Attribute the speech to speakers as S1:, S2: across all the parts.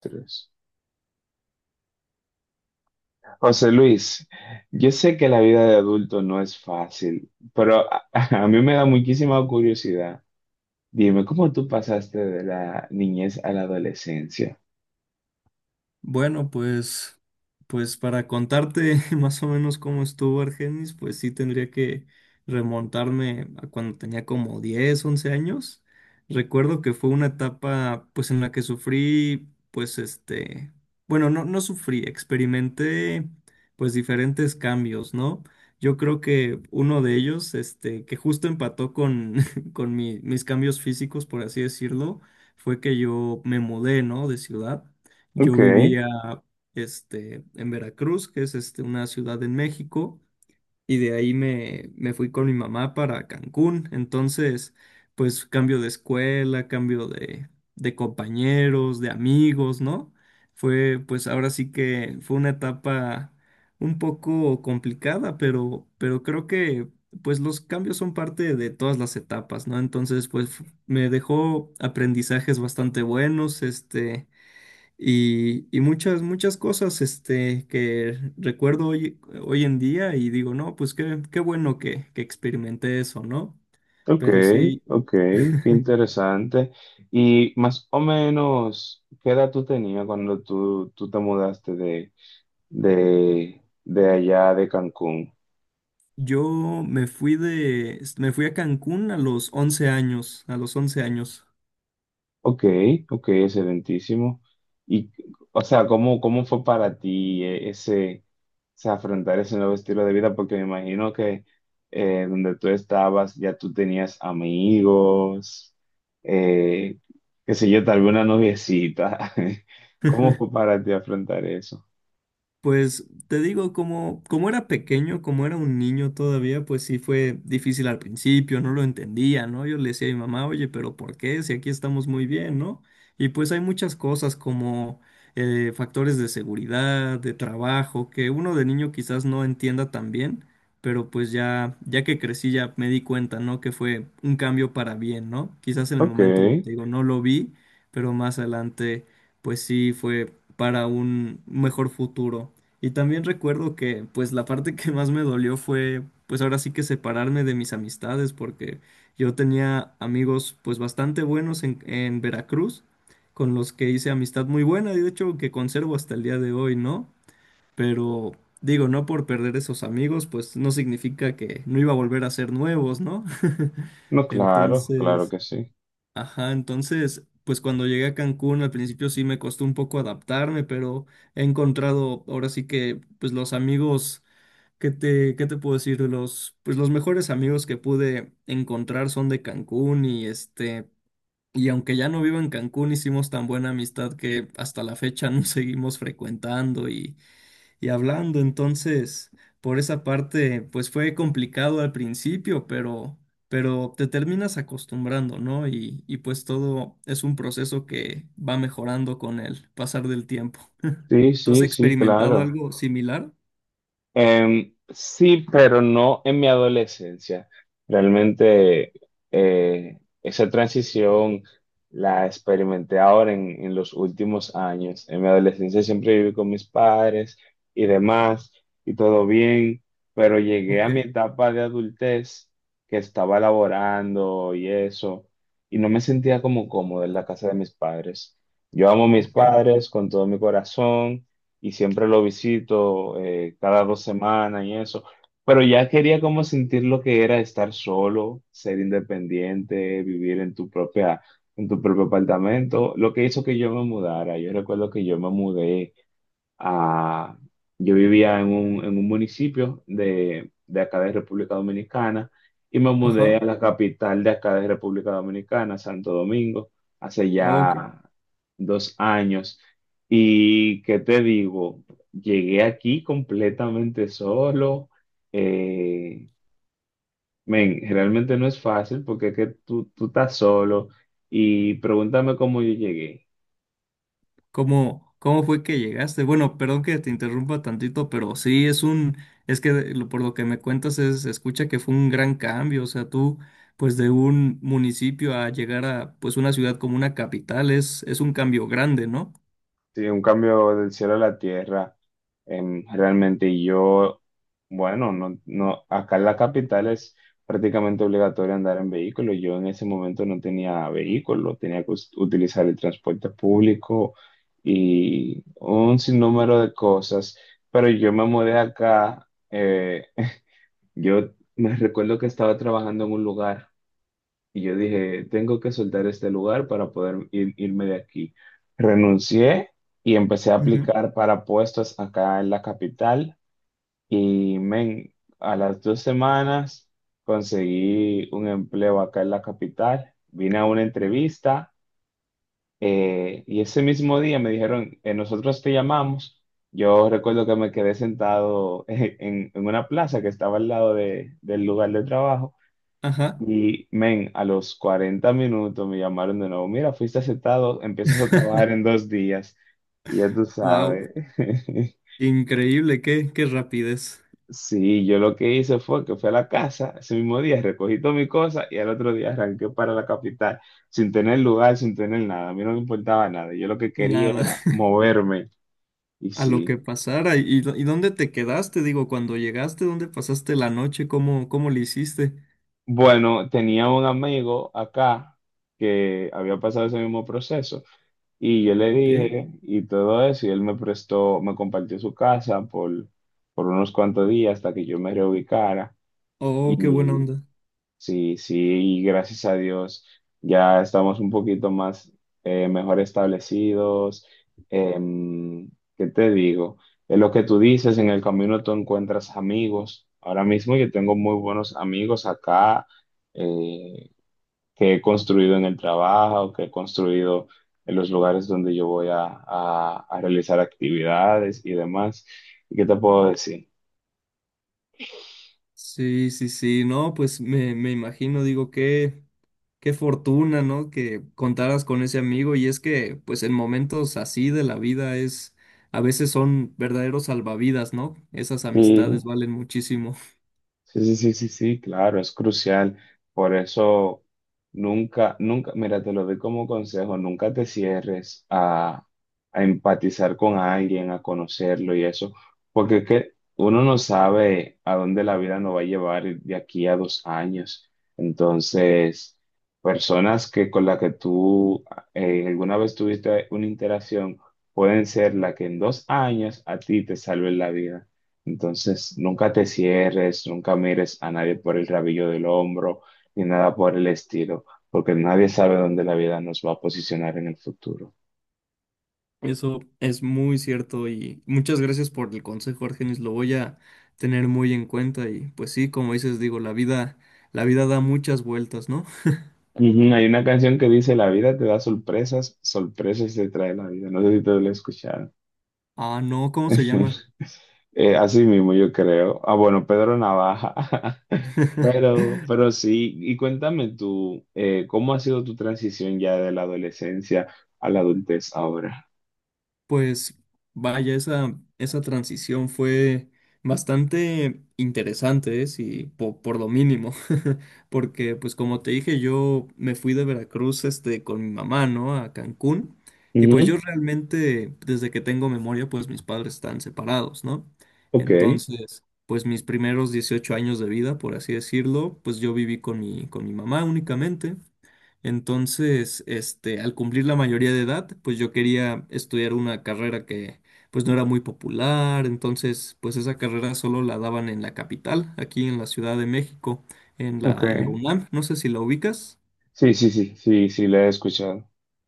S1: Tres. José Luis, yo sé que la vida de adulto no es fácil, pero a mí me da muchísima curiosidad. Dime, ¿cómo tú pasaste de la niñez a la adolescencia?
S2: Bueno, pues, pues para contarte más o menos cómo estuvo Argenis, pues sí tendría que remontarme a cuando tenía como 10 11 años. Recuerdo que fue una etapa pues en la que sufrí, pues bueno, no sufrí, experimenté pues diferentes cambios, ¿no? Yo creo que uno de ellos, que justo empató con, con mis cambios físicos, por así decirlo, fue que yo me mudé, ¿no? De ciudad.
S1: Ok,
S2: Yo vivía en Veracruz, que es una ciudad en México, y de ahí me fui con mi mamá para Cancún. Entonces, pues cambio de escuela, cambio de compañeros, de amigos, ¿no? Fue, pues ahora sí que fue una etapa un poco complicada, pero creo que pues los cambios son parte de todas las etapas, ¿no? Entonces, pues me dejó aprendizajes bastante buenos, y muchas, muchas cosas que recuerdo hoy, hoy en día y digo, no, pues qué, qué bueno que experimenté eso, ¿no?
S1: ok,
S2: Pero sí,
S1: ok, qué interesante. Y más o menos, ¿qué edad tú tenías cuando tú te mudaste de allá de Cancún?
S2: yo me me fui a Cancún a los 11 años, a los 11 años.
S1: Ok, ok, excelentísimo. Y, o sea, ¿cómo fue para ti ese, o sea, afrontar ese nuevo estilo de vida? Porque me imagino que donde tú estabas ya tú tenías amigos, eh, qué sé yo, tal vez una noviecita. ¿Cómo fue para ti afrontar eso?
S2: Pues te digo, como, como era pequeño, como era un niño todavía, pues sí fue difícil al principio, no lo entendía, ¿no? Yo le decía a mi mamá, oye, pero ¿por qué? Si aquí estamos muy bien, ¿no? Y pues hay muchas cosas como factores de seguridad, de trabajo, que uno de niño quizás no entienda tan bien, pero pues ya, ya que crecí ya me di cuenta, ¿no? Que fue un cambio para bien, ¿no? Quizás en el
S1: Ok,
S2: momento, te digo, no lo vi, pero más adelante, pues sí fue para un mejor futuro. Y también recuerdo que, pues, la parte que más me dolió fue, pues, ahora sí que separarme de mis amistades, porque yo tenía amigos, pues, bastante buenos en Veracruz, con los que hice amistad muy buena, y de hecho que conservo hasta el día de hoy, ¿no? Pero, digo, no por perder esos amigos, pues, no significa que no iba a volver a ser nuevos, ¿no?
S1: no, claro, claro
S2: Entonces...
S1: que sí.
S2: Ajá, entonces, pues cuando llegué a Cancún al principio sí me costó un poco adaptarme, pero he encontrado ahora sí que pues los amigos que te qué te puedo decir, los pues los mejores amigos que pude encontrar son de Cancún y y aunque ya no vivo en Cancún hicimos tan buena amistad que hasta la fecha nos seguimos frecuentando y hablando. Entonces, por esa parte, pues fue complicado al principio, pero te terminas acostumbrando, ¿no? Y pues todo es un proceso que va mejorando con el pasar del tiempo.
S1: Sí,
S2: ¿Tú has
S1: sí, sí,
S2: experimentado
S1: claro.
S2: algo similar?
S1: Sí, pero no en mi adolescencia. Realmente esa transición la experimenté ahora en los últimos años. En mi adolescencia siempre viví con mis padres y demás, y todo bien, pero llegué a
S2: Ok,
S1: mi etapa de adultez que estaba laborando y eso, y no me sentía como cómodo en la casa de mis padres. Yo amo a mis
S2: ok.
S1: padres con todo mi corazón y siempre lo visito cada dos semanas y eso. Pero ya quería como sentir lo que era estar solo, ser independiente, vivir en en tu propio apartamento, lo que hizo que yo me mudara. Yo recuerdo que yo me mudé Ah, yo vivía en un municipio de acá de República Dominicana y me mudé
S2: Ajá,
S1: a la capital de acá de República Dominicana, Santo Domingo, hace
S2: ok.
S1: ya 2 años. Y qué te digo, llegué aquí completamente solo. eh, Men, realmente no es fácil porque es que tú estás solo y pregúntame cómo yo llegué.
S2: ¿Cómo, cómo fue que llegaste? Bueno, perdón que te interrumpa tantito, pero sí es un, es que por lo que me cuentas es, se escucha que fue un gran cambio, o sea, tú, pues de un municipio a llegar a, pues una ciudad como una capital es un cambio grande, ¿no?
S1: Sí, un cambio del cielo a la tierra, realmente. Y yo, bueno, no, no, acá en la capital es prácticamente obligatorio andar en vehículo. Yo en ese momento no tenía vehículo, tenía que utilizar el transporte público y un sinnúmero de cosas. Pero yo me mudé acá, yo me recuerdo que estaba trabajando en un lugar. Y yo dije, tengo que soltar este lugar para poder irme de aquí. Renuncié y empecé a
S2: Ujú.
S1: aplicar para puestos acá en la capital. Y men, a las 2 semanas conseguí un empleo acá en la capital. Vine a una entrevista y ese mismo día me dijeron, nosotros te llamamos. Yo recuerdo que me quedé sentado en una plaza que estaba al lado del lugar de trabajo.
S2: Ajá.
S1: Y, men, a los 40 minutos me llamaron de nuevo. Mira, fuiste aceptado, empiezas a trabajar en 2 días. Y ya tú
S2: Wow,
S1: sabes.
S2: increíble, qué, qué rapidez.
S1: Sí, yo lo que hice fue que fui a la casa ese mismo día, recogí todas mis cosas y al otro día arranqué para la capital, sin tener lugar, sin tener nada. A mí no me importaba nada. Yo lo que quería
S2: Nada,
S1: era moverme. Y
S2: a lo
S1: sí.
S2: que pasara. Y dónde te quedaste? Digo, cuando llegaste, ¿dónde pasaste la noche? ¿Cómo, cómo le hiciste?
S1: Bueno, tenía un amigo acá que había pasado ese mismo proceso. Y yo le
S2: Ok.
S1: dije y todo eso, y él me prestó, me compartió su casa por unos cuantos días hasta que yo me reubicara.
S2: Oh, qué buena
S1: Y
S2: onda.
S1: sí, sí, y gracias a Dios ya estamos un poquito más, mejor establecidos. Em, ¿qué te digo? Es lo que tú dices, en el camino tú encuentras amigos. Ahora mismo yo tengo muy buenos amigos acá. eh, que he construido en el trabajo, que he construido en los lugares donde yo a realizar actividades y demás. ¿Y qué te puedo decir?
S2: Sí, sí, sí, no, pues me imagino, digo, qué, qué fortuna, ¿no? Que contaras con ese amigo y es que, pues en momentos así de la vida es, a veces son verdaderos salvavidas, ¿no? Esas
S1: Sí,
S2: amistades valen muchísimo.
S1: sí, sí, sí, sí, sí, claro, es crucial. Por eso nunca, nunca, mira, te lo doy como consejo, nunca te cierres a empatizar con alguien, a conocerlo y eso, porque es que uno no sabe a dónde la vida nos va a llevar de aquí a 2 años. Entonces, personas que con las que tú alguna vez tuviste una interacción pueden ser la que en 2 años a ti te salven la vida. Entonces, nunca te cierres, nunca mires a nadie por el rabillo del hombro, ni nada por el estilo, porque nadie sabe dónde la vida nos va a posicionar en el futuro.
S2: Eso es muy cierto y muchas gracias por el consejo, Argenis, lo voy a tener muy en cuenta y pues sí, como dices, digo, la vida da muchas vueltas, ¿no?
S1: Ujú, hay una canción que dice, la vida te da sorpresas, sorpresas te trae la vida. No sé si te lo he escuchado.
S2: Ah, no, ¿cómo se llama?
S1: Así mismo yo creo. Ah, bueno, Pedro Navaja. Pero sí, y cuéntame tú, ¿cómo ha sido tu transición ya de la adolescencia a la adultez ahora?
S2: Pues vaya, esa transición fue bastante interesante, ¿eh? Sí, por, lo mínimo, porque pues como te dije, yo me fui de Veracruz con mi mamá, ¿no? A Cancún, y pues yo
S1: Ujú,
S2: realmente, desde que tengo memoria, pues mis padres están separados, ¿no?
S1: ok,
S2: Entonces, pues mis primeros 18 años de vida, por así decirlo, pues yo viví con con mi mamá únicamente. Entonces, al cumplir la mayoría de edad, pues yo quería estudiar una carrera que pues no era muy popular, entonces pues esa carrera solo la daban en la capital, aquí en la Ciudad de México,
S1: ok.
S2: en la UNAM, no sé si la ubicas.
S1: Sí, sí, sí, sí, sí, la he escuchado.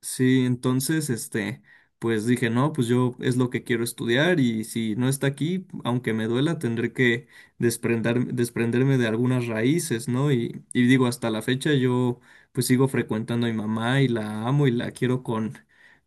S2: Sí, entonces, pues dije, no, pues yo es lo que quiero estudiar y si no está aquí, aunque me duela, tendré que desprenderme de algunas raíces, ¿no? Y digo, hasta la fecha yo pues sigo frecuentando a mi mamá y la amo y la quiero con,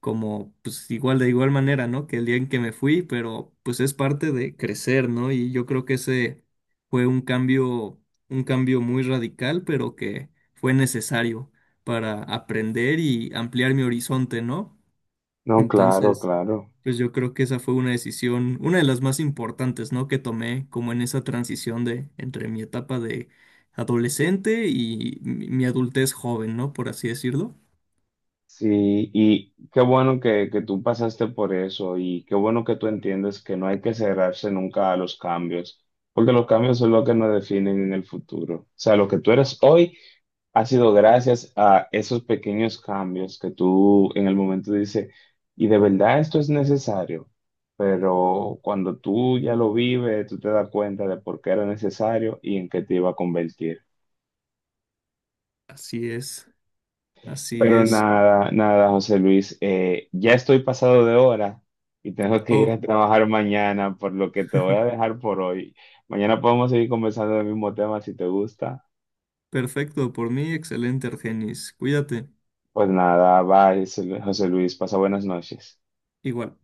S2: como, pues igual, de igual manera, ¿no? Que el día en que me fui, pero pues es parte de crecer, ¿no? Y yo creo que ese fue un cambio muy radical, pero que fue necesario para aprender y ampliar mi horizonte, ¿no?
S1: No, claro,
S2: Entonces,
S1: claro.
S2: pues yo creo que esa fue una decisión, una de las más importantes, ¿no? Que tomé como en esa transición de entre mi etapa de adolescente y mi adultez joven, ¿no? Por así decirlo.
S1: Sí, y qué bueno que tú pasaste por eso y qué bueno que tú entiendes que no hay que cerrarse nunca a los cambios, porque los cambios son lo que nos definen en el futuro. O sea, lo que tú eres hoy ha sido gracias a esos pequeños cambios que tú en el momento dices, y de verdad esto es necesario, pero cuando tú ya lo vives, tú te das cuenta de por qué era necesario y en qué te iba a convertir.
S2: Así es, así
S1: Pero
S2: es.
S1: nada, nada, José Luis, ya estoy pasado de hora y tengo que ir
S2: Oh,
S1: a trabajar mañana, por lo que te voy a dejar por hoy. Mañana podemos seguir conversando del mismo tema si te gusta.
S2: perfecto, por mí, excelente, Argenis. Cuídate.
S1: Pues nada, bye, José Luis, pasa buenas noches.
S2: Igual.